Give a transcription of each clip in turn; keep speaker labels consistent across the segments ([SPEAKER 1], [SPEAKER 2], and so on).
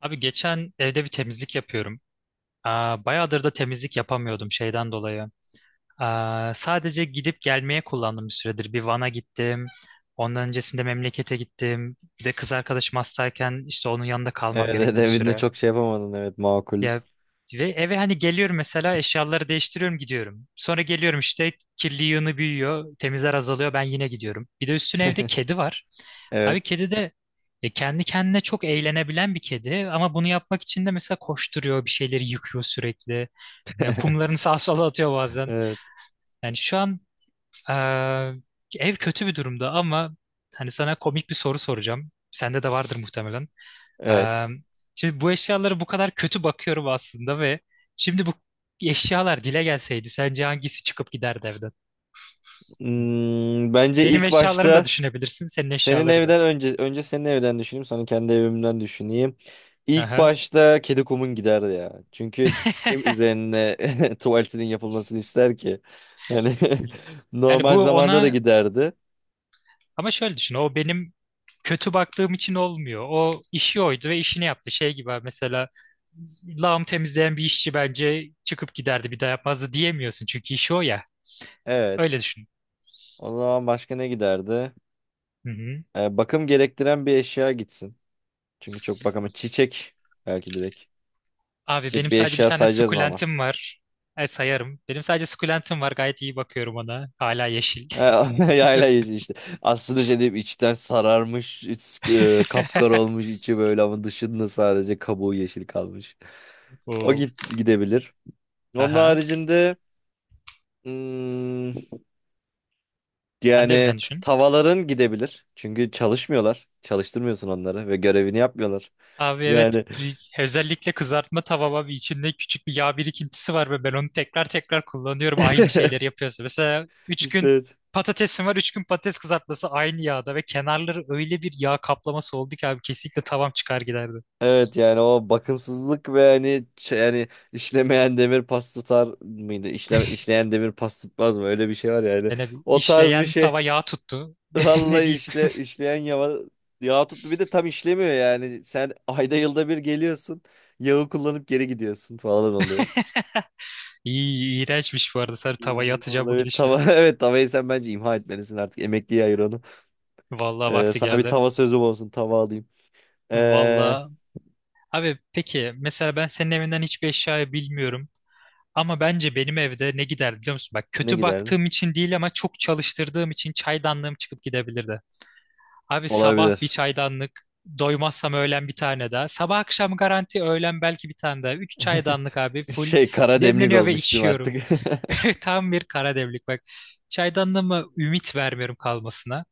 [SPEAKER 1] Abi geçen evde bir temizlik yapıyorum. Aa, bayağıdır da temizlik yapamıyordum şeyden dolayı. Aa, sadece gidip gelmeye kullandım bir süredir. Bir Van'a gittim. Ondan öncesinde memlekete gittim. Bir de kız arkadaşım hastayken işte onun yanında
[SPEAKER 2] Evet,
[SPEAKER 1] kalmam
[SPEAKER 2] evet
[SPEAKER 1] gerekti bir
[SPEAKER 2] evinde
[SPEAKER 1] süre.
[SPEAKER 2] çok şey yapamadın. Evet, makul.
[SPEAKER 1] Ya ve eve hani geliyorum mesela eşyaları değiştiriyorum gidiyorum. Sonra geliyorum işte kirli yığını büyüyor, temizler azalıyor ben yine gidiyorum. Bir de üstüne evde kedi var. Abi
[SPEAKER 2] Evet.
[SPEAKER 1] kedi de kendi kendine çok eğlenebilen bir kedi ama bunu yapmak için de mesela koşturuyor, bir şeyleri yıkıyor sürekli. Ya, kumlarını sağa sola atıyor bazen.
[SPEAKER 2] Evet.
[SPEAKER 1] Yani şu an e, ev kötü bir durumda ama hani sana komik bir soru soracağım. Sende de vardır muhtemelen. Eee,
[SPEAKER 2] Evet.
[SPEAKER 1] şimdi bu eşyalara bu kadar kötü bakıyorum aslında ve şimdi bu eşyalar dile gelseydi sence hangisi çıkıp giderdi evden?
[SPEAKER 2] Hmm, bence
[SPEAKER 1] Benim
[SPEAKER 2] ilk
[SPEAKER 1] eşyalarımı da
[SPEAKER 2] başta
[SPEAKER 1] düşünebilirsin, senin
[SPEAKER 2] senin
[SPEAKER 1] eşyaları da.
[SPEAKER 2] evden önce senin evden düşüneyim sonra kendi evimden düşüneyim. İlk
[SPEAKER 1] Aha.
[SPEAKER 2] başta kedi kumun gider ya. Çünkü kim üzerine tuvaletinin yapılmasını ister ki? Yani
[SPEAKER 1] Yani bu
[SPEAKER 2] normal zamanda da
[SPEAKER 1] ona
[SPEAKER 2] giderdi.
[SPEAKER 1] ama şöyle düşün o benim kötü baktığım için olmuyor. O işi oydu ve işini yaptı. Şey gibi abi, mesela lağım temizleyen bir işçi bence çıkıp giderdi bir daha yapmazdı diyemiyorsun çünkü işi o ya. Öyle
[SPEAKER 2] Evet.
[SPEAKER 1] düşün.
[SPEAKER 2] O zaman başka ne giderdi?
[SPEAKER 1] Hı hı.
[SPEAKER 2] Bakım gerektiren bir eşya gitsin. Çünkü çok bakama çiçek belki direkt.
[SPEAKER 1] Abi
[SPEAKER 2] Çiçek
[SPEAKER 1] benim
[SPEAKER 2] bir
[SPEAKER 1] sadece bir
[SPEAKER 2] eşya
[SPEAKER 1] tane
[SPEAKER 2] sayacağız mı ama?
[SPEAKER 1] sukulentim var. E, sayarım. Benim sadece sukulentim var. Gayet iyi bakıyorum ona. Hala yeşil.
[SPEAKER 2] Yayla yiyeceğiz işte. Aslında şey diyeyim içten sararmış, kapkara olmuş içi böyle ama dışında sadece kabuğu yeşil kalmış. O
[SPEAKER 1] Of.
[SPEAKER 2] git gidebilir. Onun
[SPEAKER 1] Aha.
[SPEAKER 2] haricinde hmm,
[SPEAKER 1] Kendi
[SPEAKER 2] yani
[SPEAKER 1] evinden düşün.
[SPEAKER 2] tavalar'ın gidebilir. Çünkü çalışmıyorlar. Çalıştırmıyorsun onları ve görevini yapmıyorlar.
[SPEAKER 1] Abi evet
[SPEAKER 2] Yani
[SPEAKER 1] özellikle kızartma tavama bir içinde küçük bir yağ birikintisi var ve ben onu tekrar tekrar kullanıyorum aynı şeyleri yapıyorsa. Mesela üç
[SPEAKER 2] işte
[SPEAKER 1] gün
[SPEAKER 2] evet.
[SPEAKER 1] patatesim var 3 gün patates kızartması aynı yağda ve kenarları öyle bir yağ kaplaması oldu ki abi kesinlikle tavam çıkar giderdi.
[SPEAKER 2] Evet yani o bakımsızlık ve hani yani işlemeyen demir pas tutar mıydı? İşleyen demir pas tutmaz mı? Öyle bir şey var yani.
[SPEAKER 1] Yani bir
[SPEAKER 2] O tarz bir
[SPEAKER 1] işleyen
[SPEAKER 2] şey.
[SPEAKER 1] tava yağ tuttu. Ne
[SPEAKER 2] Vallahi
[SPEAKER 1] diyeyim?
[SPEAKER 2] işleyen yağ tuttu bir de tam işlemiyor yani. Sen ayda yılda bir geliyorsun. Yağı kullanıp geri gidiyorsun falan oluyor.
[SPEAKER 1] İyi, iğrençmiş bu arada. Sen tavaya atacağım bu
[SPEAKER 2] Vallahi
[SPEAKER 1] gidişle.
[SPEAKER 2] tava evet tavayı sen bence imha etmelisin artık. Emekliye ayır onu.
[SPEAKER 1] Vallahi vakti
[SPEAKER 2] Sana bir
[SPEAKER 1] geldi.
[SPEAKER 2] tava sözüm olsun. Tava alayım. Ee,
[SPEAKER 1] Vallahi. Abi peki mesela ben senin evinden hiçbir eşyayı bilmiyorum. Ama bence benim evde ne gider biliyor musun? Bak
[SPEAKER 2] ne
[SPEAKER 1] kötü
[SPEAKER 2] giderdi?
[SPEAKER 1] baktığım için değil ama çok çalıştırdığım için çaydanlığım çıkıp gidebilirdi. Abi sabah bir
[SPEAKER 2] Olabilir.
[SPEAKER 1] çaydanlık, doymazsam öğlen bir tane daha. Sabah akşam garanti, öğlen belki bir tane daha. Üç çaydanlık abi full
[SPEAKER 2] Şey kara demlik
[SPEAKER 1] demleniyor ve
[SPEAKER 2] olmuştum
[SPEAKER 1] içiyorum.
[SPEAKER 2] artık.
[SPEAKER 1] Tam bir kara demlik bak. Çaydanlığıma ümit vermiyorum kalmasına.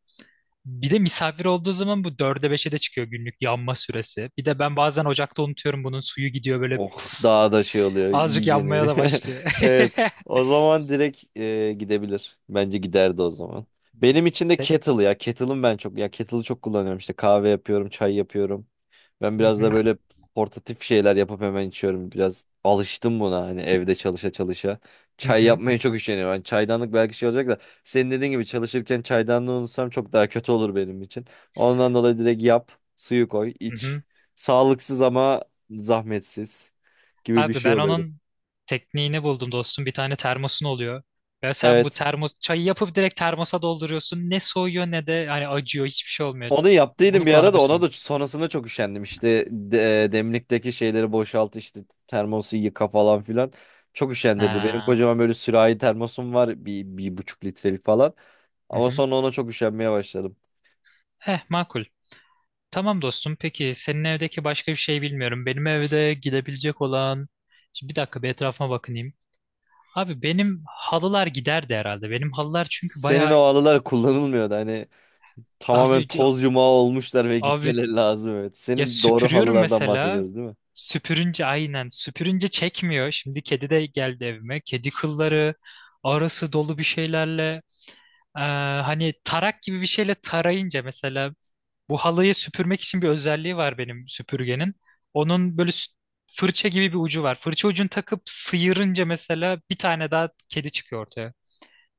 [SPEAKER 1] Bir de misafir olduğu zaman bu dörde beşe de çıkıyor günlük yanma süresi. Bir de ben bazen ocakta unutuyorum bunun suyu gidiyor böyle
[SPEAKER 2] Oh
[SPEAKER 1] puf,
[SPEAKER 2] daha da şey oluyor
[SPEAKER 1] azıcık
[SPEAKER 2] iyice
[SPEAKER 1] yanmaya
[SPEAKER 2] neri.
[SPEAKER 1] da başlıyor.
[SPEAKER 2] Evet o zaman direkt gidebilir. Bence giderdi o zaman.
[SPEAKER 1] Hmm.
[SPEAKER 2] Benim için de
[SPEAKER 1] Set.
[SPEAKER 2] kettle ya. Kettle'ım ben çok ya kettle'ı çok kullanıyorum işte kahve yapıyorum, çay yapıyorum. Ben
[SPEAKER 1] Hı
[SPEAKER 2] biraz
[SPEAKER 1] hı,
[SPEAKER 2] da böyle portatif şeyler yapıp hemen içiyorum. Biraz alıştım buna hani evde çalışa çalışa.
[SPEAKER 1] hı
[SPEAKER 2] Çay
[SPEAKER 1] hı,
[SPEAKER 2] yapmaya çok üşeniyorum. Yani çaydanlık belki şey olacak da senin dediğin gibi çalışırken çaydanlığı unutsam çok daha kötü olur benim için. Ondan dolayı direkt yap, suyu koy,
[SPEAKER 1] hı
[SPEAKER 2] iç.
[SPEAKER 1] hı.
[SPEAKER 2] Sağlıksız ama zahmetsiz gibi bir
[SPEAKER 1] Abi
[SPEAKER 2] şey
[SPEAKER 1] ben
[SPEAKER 2] oluyordu.
[SPEAKER 1] onun tekniğini buldum dostum. Bir tane termosun oluyor. Ve sen bu
[SPEAKER 2] Evet.
[SPEAKER 1] termos çayı yapıp direkt termosa dolduruyorsun. Ne soğuyor ne de hani acıyor hiçbir şey olmuyor.
[SPEAKER 2] Onu yaptıydım
[SPEAKER 1] Bunu
[SPEAKER 2] bir ara da ona
[SPEAKER 1] kullanabilirsin.
[SPEAKER 2] da sonrasında çok üşendim. İşte demlikteki şeyleri boşalt işte termosu yıka falan filan. Çok üşendirdi. Benim
[SPEAKER 1] Ha.
[SPEAKER 2] kocaman böyle sürahi termosum var bir buçuk litrelik falan.
[SPEAKER 1] Hı
[SPEAKER 2] Ama
[SPEAKER 1] hı.
[SPEAKER 2] sonra ona çok üşenmeye başladım.
[SPEAKER 1] Eh makul. Tamam dostum. Peki senin evdeki başka bir şey bilmiyorum. Benim evde gidebilecek olan... Şimdi bir dakika bir etrafıma bakınayım. Abi benim halılar giderdi herhalde. Benim halılar çünkü
[SPEAKER 2] Senin
[SPEAKER 1] bayağı...
[SPEAKER 2] o alılar kullanılmıyordu. Hani tamamen
[SPEAKER 1] Abi,
[SPEAKER 2] toz yumağı olmuşlar ve
[SPEAKER 1] abi
[SPEAKER 2] gitmeleri lazım. Evet.
[SPEAKER 1] ya
[SPEAKER 2] Senin doğru
[SPEAKER 1] süpürüyorum
[SPEAKER 2] halılardan
[SPEAKER 1] mesela.
[SPEAKER 2] bahsediyoruz değil mi?
[SPEAKER 1] Süpürünce aynen. Süpürünce çekmiyor. Şimdi kedi de geldi evime. Kedi kılları arası dolu bir şeylerle. eee, hani tarak gibi bir şeyle tarayınca mesela bu halıyı süpürmek için bir özelliği var benim süpürgenin. Onun böyle fırça gibi bir ucu var. Fırça ucunu takıp sıyırınca mesela bir tane daha kedi çıkıyor ortaya.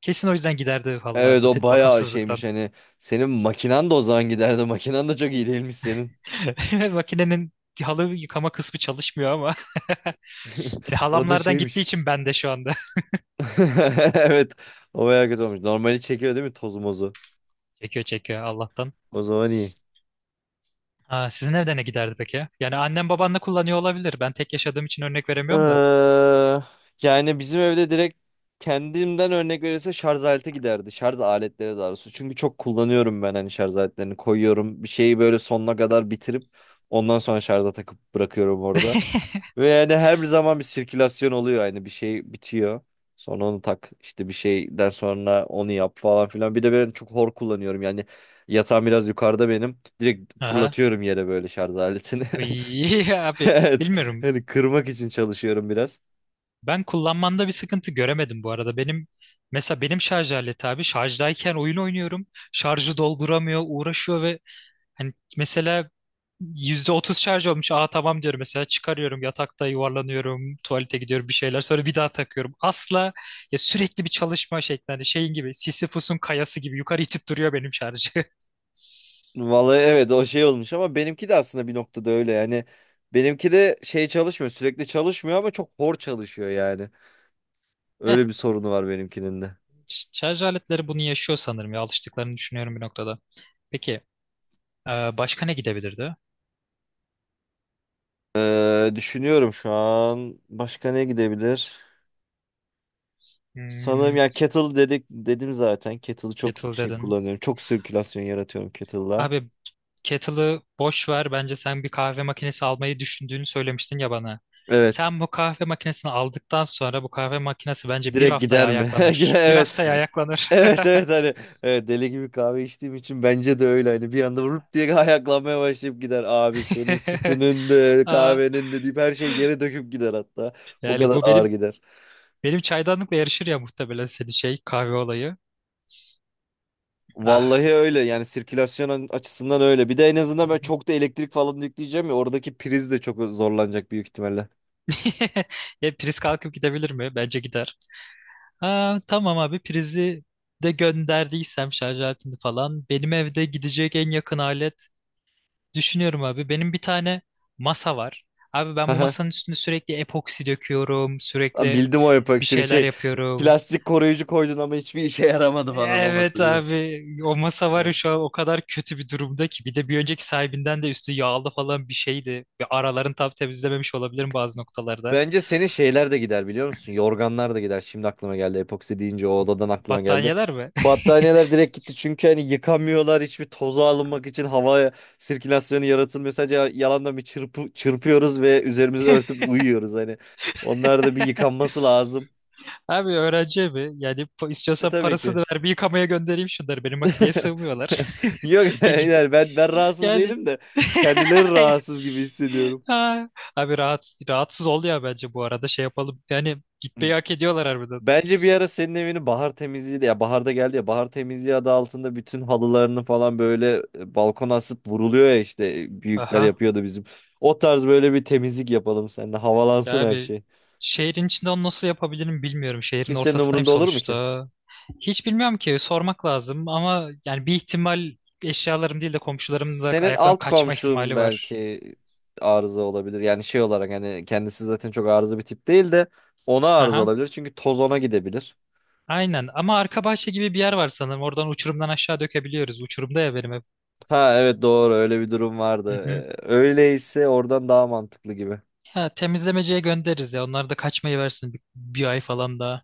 [SPEAKER 1] Kesin o yüzden giderdi
[SPEAKER 2] Evet
[SPEAKER 1] halılarda
[SPEAKER 2] o bayağı şeymiş
[SPEAKER 1] bakımsızlıktan.
[SPEAKER 2] hani. Senin makinan da o zaman giderdi. Makinan da çok iyi değilmiş senin.
[SPEAKER 1] Makinenin halı yıkama kısmı çalışmıyor ama. Yani
[SPEAKER 2] O da
[SPEAKER 1] halamlardan gittiği
[SPEAKER 2] şeymiş.
[SPEAKER 1] için ben de şu anda.
[SPEAKER 2] Evet. O bayağı kötü olmuş. Normali çekiyor değil mi tozu mozu?
[SPEAKER 1] Çekiyor çekiyor Allah'tan.
[SPEAKER 2] O zaman iyi.
[SPEAKER 1] Aa, sizin evde ne giderdi peki? Yani annem babanla kullanıyor olabilir. Ben tek yaşadığım için örnek veremiyorum da.
[SPEAKER 2] Ee, yani bizim evde direkt kendimden örnek verirse şarj aleti giderdi. Şarj aletleri daha doğrusu. Çünkü çok kullanıyorum ben hani şarj aletlerini koyuyorum. Bir şeyi böyle sonuna kadar bitirip ondan sonra şarja takıp bırakıyorum orada. Ve yani her zaman bir sirkülasyon oluyor. Yani bir şey bitiyor. Sonra onu tak işte bir şeyden sonra onu yap falan filan. Bir de ben çok hor kullanıyorum. Yani yatağım biraz yukarıda benim. Direkt
[SPEAKER 1] Aha.
[SPEAKER 2] fırlatıyorum yere böyle şarj aletini.
[SPEAKER 1] İyi abi.
[SPEAKER 2] Evet.
[SPEAKER 1] Bilmiyorum.
[SPEAKER 2] Hani kırmak için çalışıyorum biraz.
[SPEAKER 1] Ben kullanmanda bir sıkıntı göremedim bu arada. Benim mesela benim şarj aleti abi şarjdayken oyun oynuyorum. Şarjı dolduramıyor, uğraşıyor ve hani mesela %30 şarj olmuş. Aa tamam diyorum mesela çıkarıyorum yatakta yuvarlanıyorum, tuvalete gidiyorum bir şeyler sonra bir daha takıyorum. Asla ya sürekli bir çalışma şeklinde hani şeyin gibi Sisyphus'un kayası gibi yukarı itip duruyor benim şarjı.
[SPEAKER 2] Vallahi evet o şey olmuş ama benimki de aslında bir noktada öyle yani. Benimki de şey çalışmıyor sürekli çalışmıyor ama çok hor çalışıyor yani.
[SPEAKER 1] Eh,
[SPEAKER 2] Öyle bir sorunu var benimkinin de.
[SPEAKER 1] şarj aletleri bunu yaşıyor sanırım ya alıştıklarını düşünüyorum bir noktada. Peki başka ne gidebilirdi?
[SPEAKER 2] Düşünüyorum şu an başka ne gidebilir? Sanırım
[SPEAKER 1] Hmm.
[SPEAKER 2] ya kettle dedim zaten. Kettle'ı çok
[SPEAKER 1] Kettle
[SPEAKER 2] şey
[SPEAKER 1] dedin.
[SPEAKER 2] kullanıyorum. Çok sirkülasyon yaratıyorum kettle'la.
[SPEAKER 1] Abi kettle'ı boş ver. Bence sen bir kahve makinesi almayı düşündüğünü söylemiştin ya bana.
[SPEAKER 2] Evet.
[SPEAKER 1] Sen bu kahve makinesini aldıktan sonra bu kahve makinesi bence bir
[SPEAKER 2] Direkt
[SPEAKER 1] haftaya
[SPEAKER 2] gider mi? Gider,
[SPEAKER 1] ayaklanır. Bir
[SPEAKER 2] evet.
[SPEAKER 1] haftaya ayaklanır.
[SPEAKER 2] Evet evet hani evet, deli gibi kahve içtiğim için bence de öyle hani bir anda vurup diye ayaklanmaya başlayıp gider abi senin sütünün de
[SPEAKER 1] Aa,
[SPEAKER 2] kahvenin de deyip her şeyi yere döküp gider hatta o
[SPEAKER 1] yani
[SPEAKER 2] kadar
[SPEAKER 1] bu
[SPEAKER 2] ağır
[SPEAKER 1] benim
[SPEAKER 2] gider.
[SPEAKER 1] benim çaydanlıkla yarışır ya muhtemelen senin şey kahve olayı. Ah.
[SPEAKER 2] Vallahi öyle yani sirkülasyon açısından öyle bir de en
[SPEAKER 1] Hı
[SPEAKER 2] azından ben
[SPEAKER 1] hı.
[SPEAKER 2] çok da elektrik falan yükleyeceğim ya oradaki priz de çok zorlanacak büyük ihtimalle.
[SPEAKER 1] E, priz kalkıp gidebilir mi? Bence gider. Aa, tamam abi prizi de gönderdiysem şarj aletini falan benim evde gidecek en yakın alet. Düşünüyorum abi. Benim bir tane masa var. Abi ben bu masanın üstünde sürekli epoksi döküyorum.
[SPEAKER 2] Lan
[SPEAKER 1] Sürekli
[SPEAKER 2] bildim o
[SPEAKER 1] bir
[SPEAKER 2] epoksini
[SPEAKER 1] şeyler
[SPEAKER 2] şey
[SPEAKER 1] yapıyorum.
[SPEAKER 2] plastik koruyucu koydun ama hiçbir işe yaramadı falan
[SPEAKER 1] Evet
[SPEAKER 2] olması değil mi?
[SPEAKER 1] abi o masa var ya
[SPEAKER 2] Evet.
[SPEAKER 1] şu an o kadar kötü bir durumda ki. Bir de bir önceki sahibinden de üstü yağlı falan bir şeydi. Ve aralarını tam temizlememiş olabilirim bazı noktalarda.
[SPEAKER 2] Bence senin şeyler de gider biliyor musun? Yorganlar da gider. Şimdi aklıma geldi epoksi deyince o odadan aklıma geldi.
[SPEAKER 1] Battaniyeler mi?
[SPEAKER 2] Battaniyeler direkt gitti çünkü hani yıkamıyorlar hiçbir toza alınmak için hava sirkülasyonu yaratılmıyor. Sadece yalandan çırpıyoruz ve üzerimizi örtüp uyuyoruz hani. Onlar da bir yıkanması lazım.
[SPEAKER 1] Abi öğrenci evi. Yani
[SPEAKER 2] E
[SPEAKER 1] istiyorsan
[SPEAKER 2] tabii ki.
[SPEAKER 1] parasını ver bir yıkamaya göndereyim şunları. Benim makineye sığmıyorlar.
[SPEAKER 2] Yok
[SPEAKER 1] Ya git
[SPEAKER 2] yani ben rahatsız
[SPEAKER 1] yani.
[SPEAKER 2] değilim de kendileri rahatsız gibi hissediyorum.
[SPEAKER 1] Ha. Abi rahatsız ol ya bence bu arada şey yapalım. Yani gitmeyi hak ediyorlar harbiden.
[SPEAKER 2] Bence bir ara senin evini bahar temizliği de ya baharda geldi ya bahar temizliği adı altında bütün halılarını falan böyle balkona asıp vuruluyor ya işte büyükler
[SPEAKER 1] Aha.
[SPEAKER 2] yapıyordu bizim. O tarz böyle bir temizlik yapalım seninle havalansın
[SPEAKER 1] Ya
[SPEAKER 2] her
[SPEAKER 1] abi
[SPEAKER 2] şey.
[SPEAKER 1] şehrin içinde onu nasıl yapabilirim bilmiyorum. Şehrin
[SPEAKER 2] Kimsenin
[SPEAKER 1] ortasındayım
[SPEAKER 2] umurunda olur mu ki?
[SPEAKER 1] sonuçta. Hiç bilmiyorum ki sormak lazım ama yani bir ihtimal eşyalarım değil de komşularımın da
[SPEAKER 2] Senin
[SPEAKER 1] ayaklarım
[SPEAKER 2] alt
[SPEAKER 1] kaçma
[SPEAKER 2] komşun
[SPEAKER 1] ihtimali var.
[SPEAKER 2] belki arıza olabilir. Yani şey olarak hani kendisi zaten çok arıza bir tip değil de ona arıza
[SPEAKER 1] Aha.
[SPEAKER 2] olabilir. Çünkü toz ona gidebilir.
[SPEAKER 1] Aynen ama arka bahçe gibi bir yer var sanırım. Oradan uçurumdan aşağı dökebiliyoruz. Uçurumda ya benim ev.
[SPEAKER 2] Ha evet doğru öyle bir durum vardı.
[SPEAKER 1] Hı hı.
[SPEAKER 2] Öyleyse oradan daha mantıklı gibi.
[SPEAKER 1] Ya temizlemeciye göndeririz ya. Onlar da kaçmayı versin bir ay falan daha.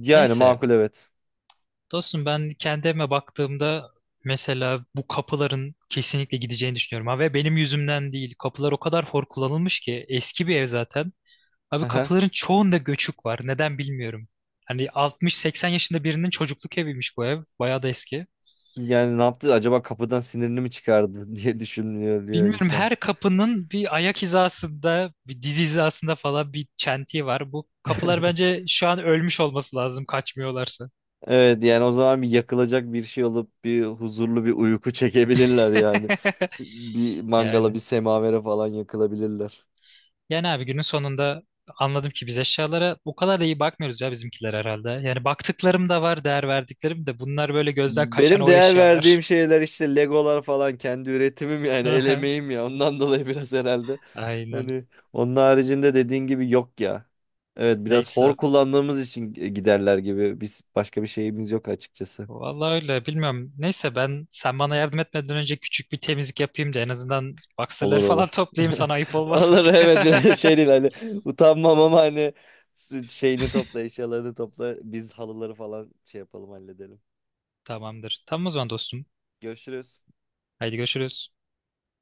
[SPEAKER 2] Yani
[SPEAKER 1] Neyse.
[SPEAKER 2] makul evet.
[SPEAKER 1] Dostum ben kendi evime baktığımda mesela bu kapıların kesinlikle gideceğini düşünüyorum. Ha, ve benim yüzümden değil. Kapılar o kadar hor kullanılmış ki eski bir ev zaten. Abi
[SPEAKER 2] Aha.
[SPEAKER 1] kapıların çoğunda göçük var. Neden bilmiyorum. Hani 60-80 yaşında birinin çocukluk eviymiş bu ev. Bayağı da eski.
[SPEAKER 2] Yani ne yaptı acaba kapıdan sinirini mi çıkardı diye düşünüyor diyor
[SPEAKER 1] Bilmiyorum
[SPEAKER 2] insan.
[SPEAKER 1] her kapının bir ayak hizasında, bir diz hizasında falan bir çentiği var. Bu kapılar bence şu an ölmüş olması lazım kaçmıyorlarsa.
[SPEAKER 2] Evet yani o zaman bir yakılacak bir şey olup bir huzurlu bir uyku çekebilirler yani. Bir mangala bir
[SPEAKER 1] Yani.
[SPEAKER 2] semavere falan yakılabilirler.
[SPEAKER 1] Yani abi günün sonunda anladım ki biz eşyalara o kadar da iyi bakmıyoruz ya bizimkiler herhalde. Yani baktıklarım da var, değer verdiklerim de bunlar böyle gözden kaçan
[SPEAKER 2] Benim
[SPEAKER 1] o
[SPEAKER 2] değer
[SPEAKER 1] eşyalar.
[SPEAKER 2] verdiğim şeyler işte Legolar falan kendi üretimim yani el
[SPEAKER 1] Aha.
[SPEAKER 2] emeğim ya ondan dolayı biraz herhalde.
[SPEAKER 1] Aynen.
[SPEAKER 2] Hani onun haricinde dediğin gibi yok ya. Evet biraz hor
[SPEAKER 1] Neyse.
[SPEAKER 2] kullandığımız için giderler gibi biz başka bir şeyimiz yok açıkçası.
[SPEAKER 1] Vallahi öyle bilmiyorum. Neyse ben sen bana yardım etmeden önce küçük bir temizlik yapayım da en azından
[SPEAKER 2] Olur
[SPEAKER 1] boxerları falan
[SPEAKER 2] olur.
[SPEAKER 1] toplayayım sana ayıp olmasın.
[SPEAKER 2] Olur evet biraz şey değil hani utanmam ama hani şeyini topla eşyalarını topla biz halıları falan şey yapalım halledelim.
[SPEAKER 1] Tamamdır. Tamam o zaman dostum.
[SPEAKER 2] Görüşürüz.
[SPEAKER 1] Haydi görüşürüz.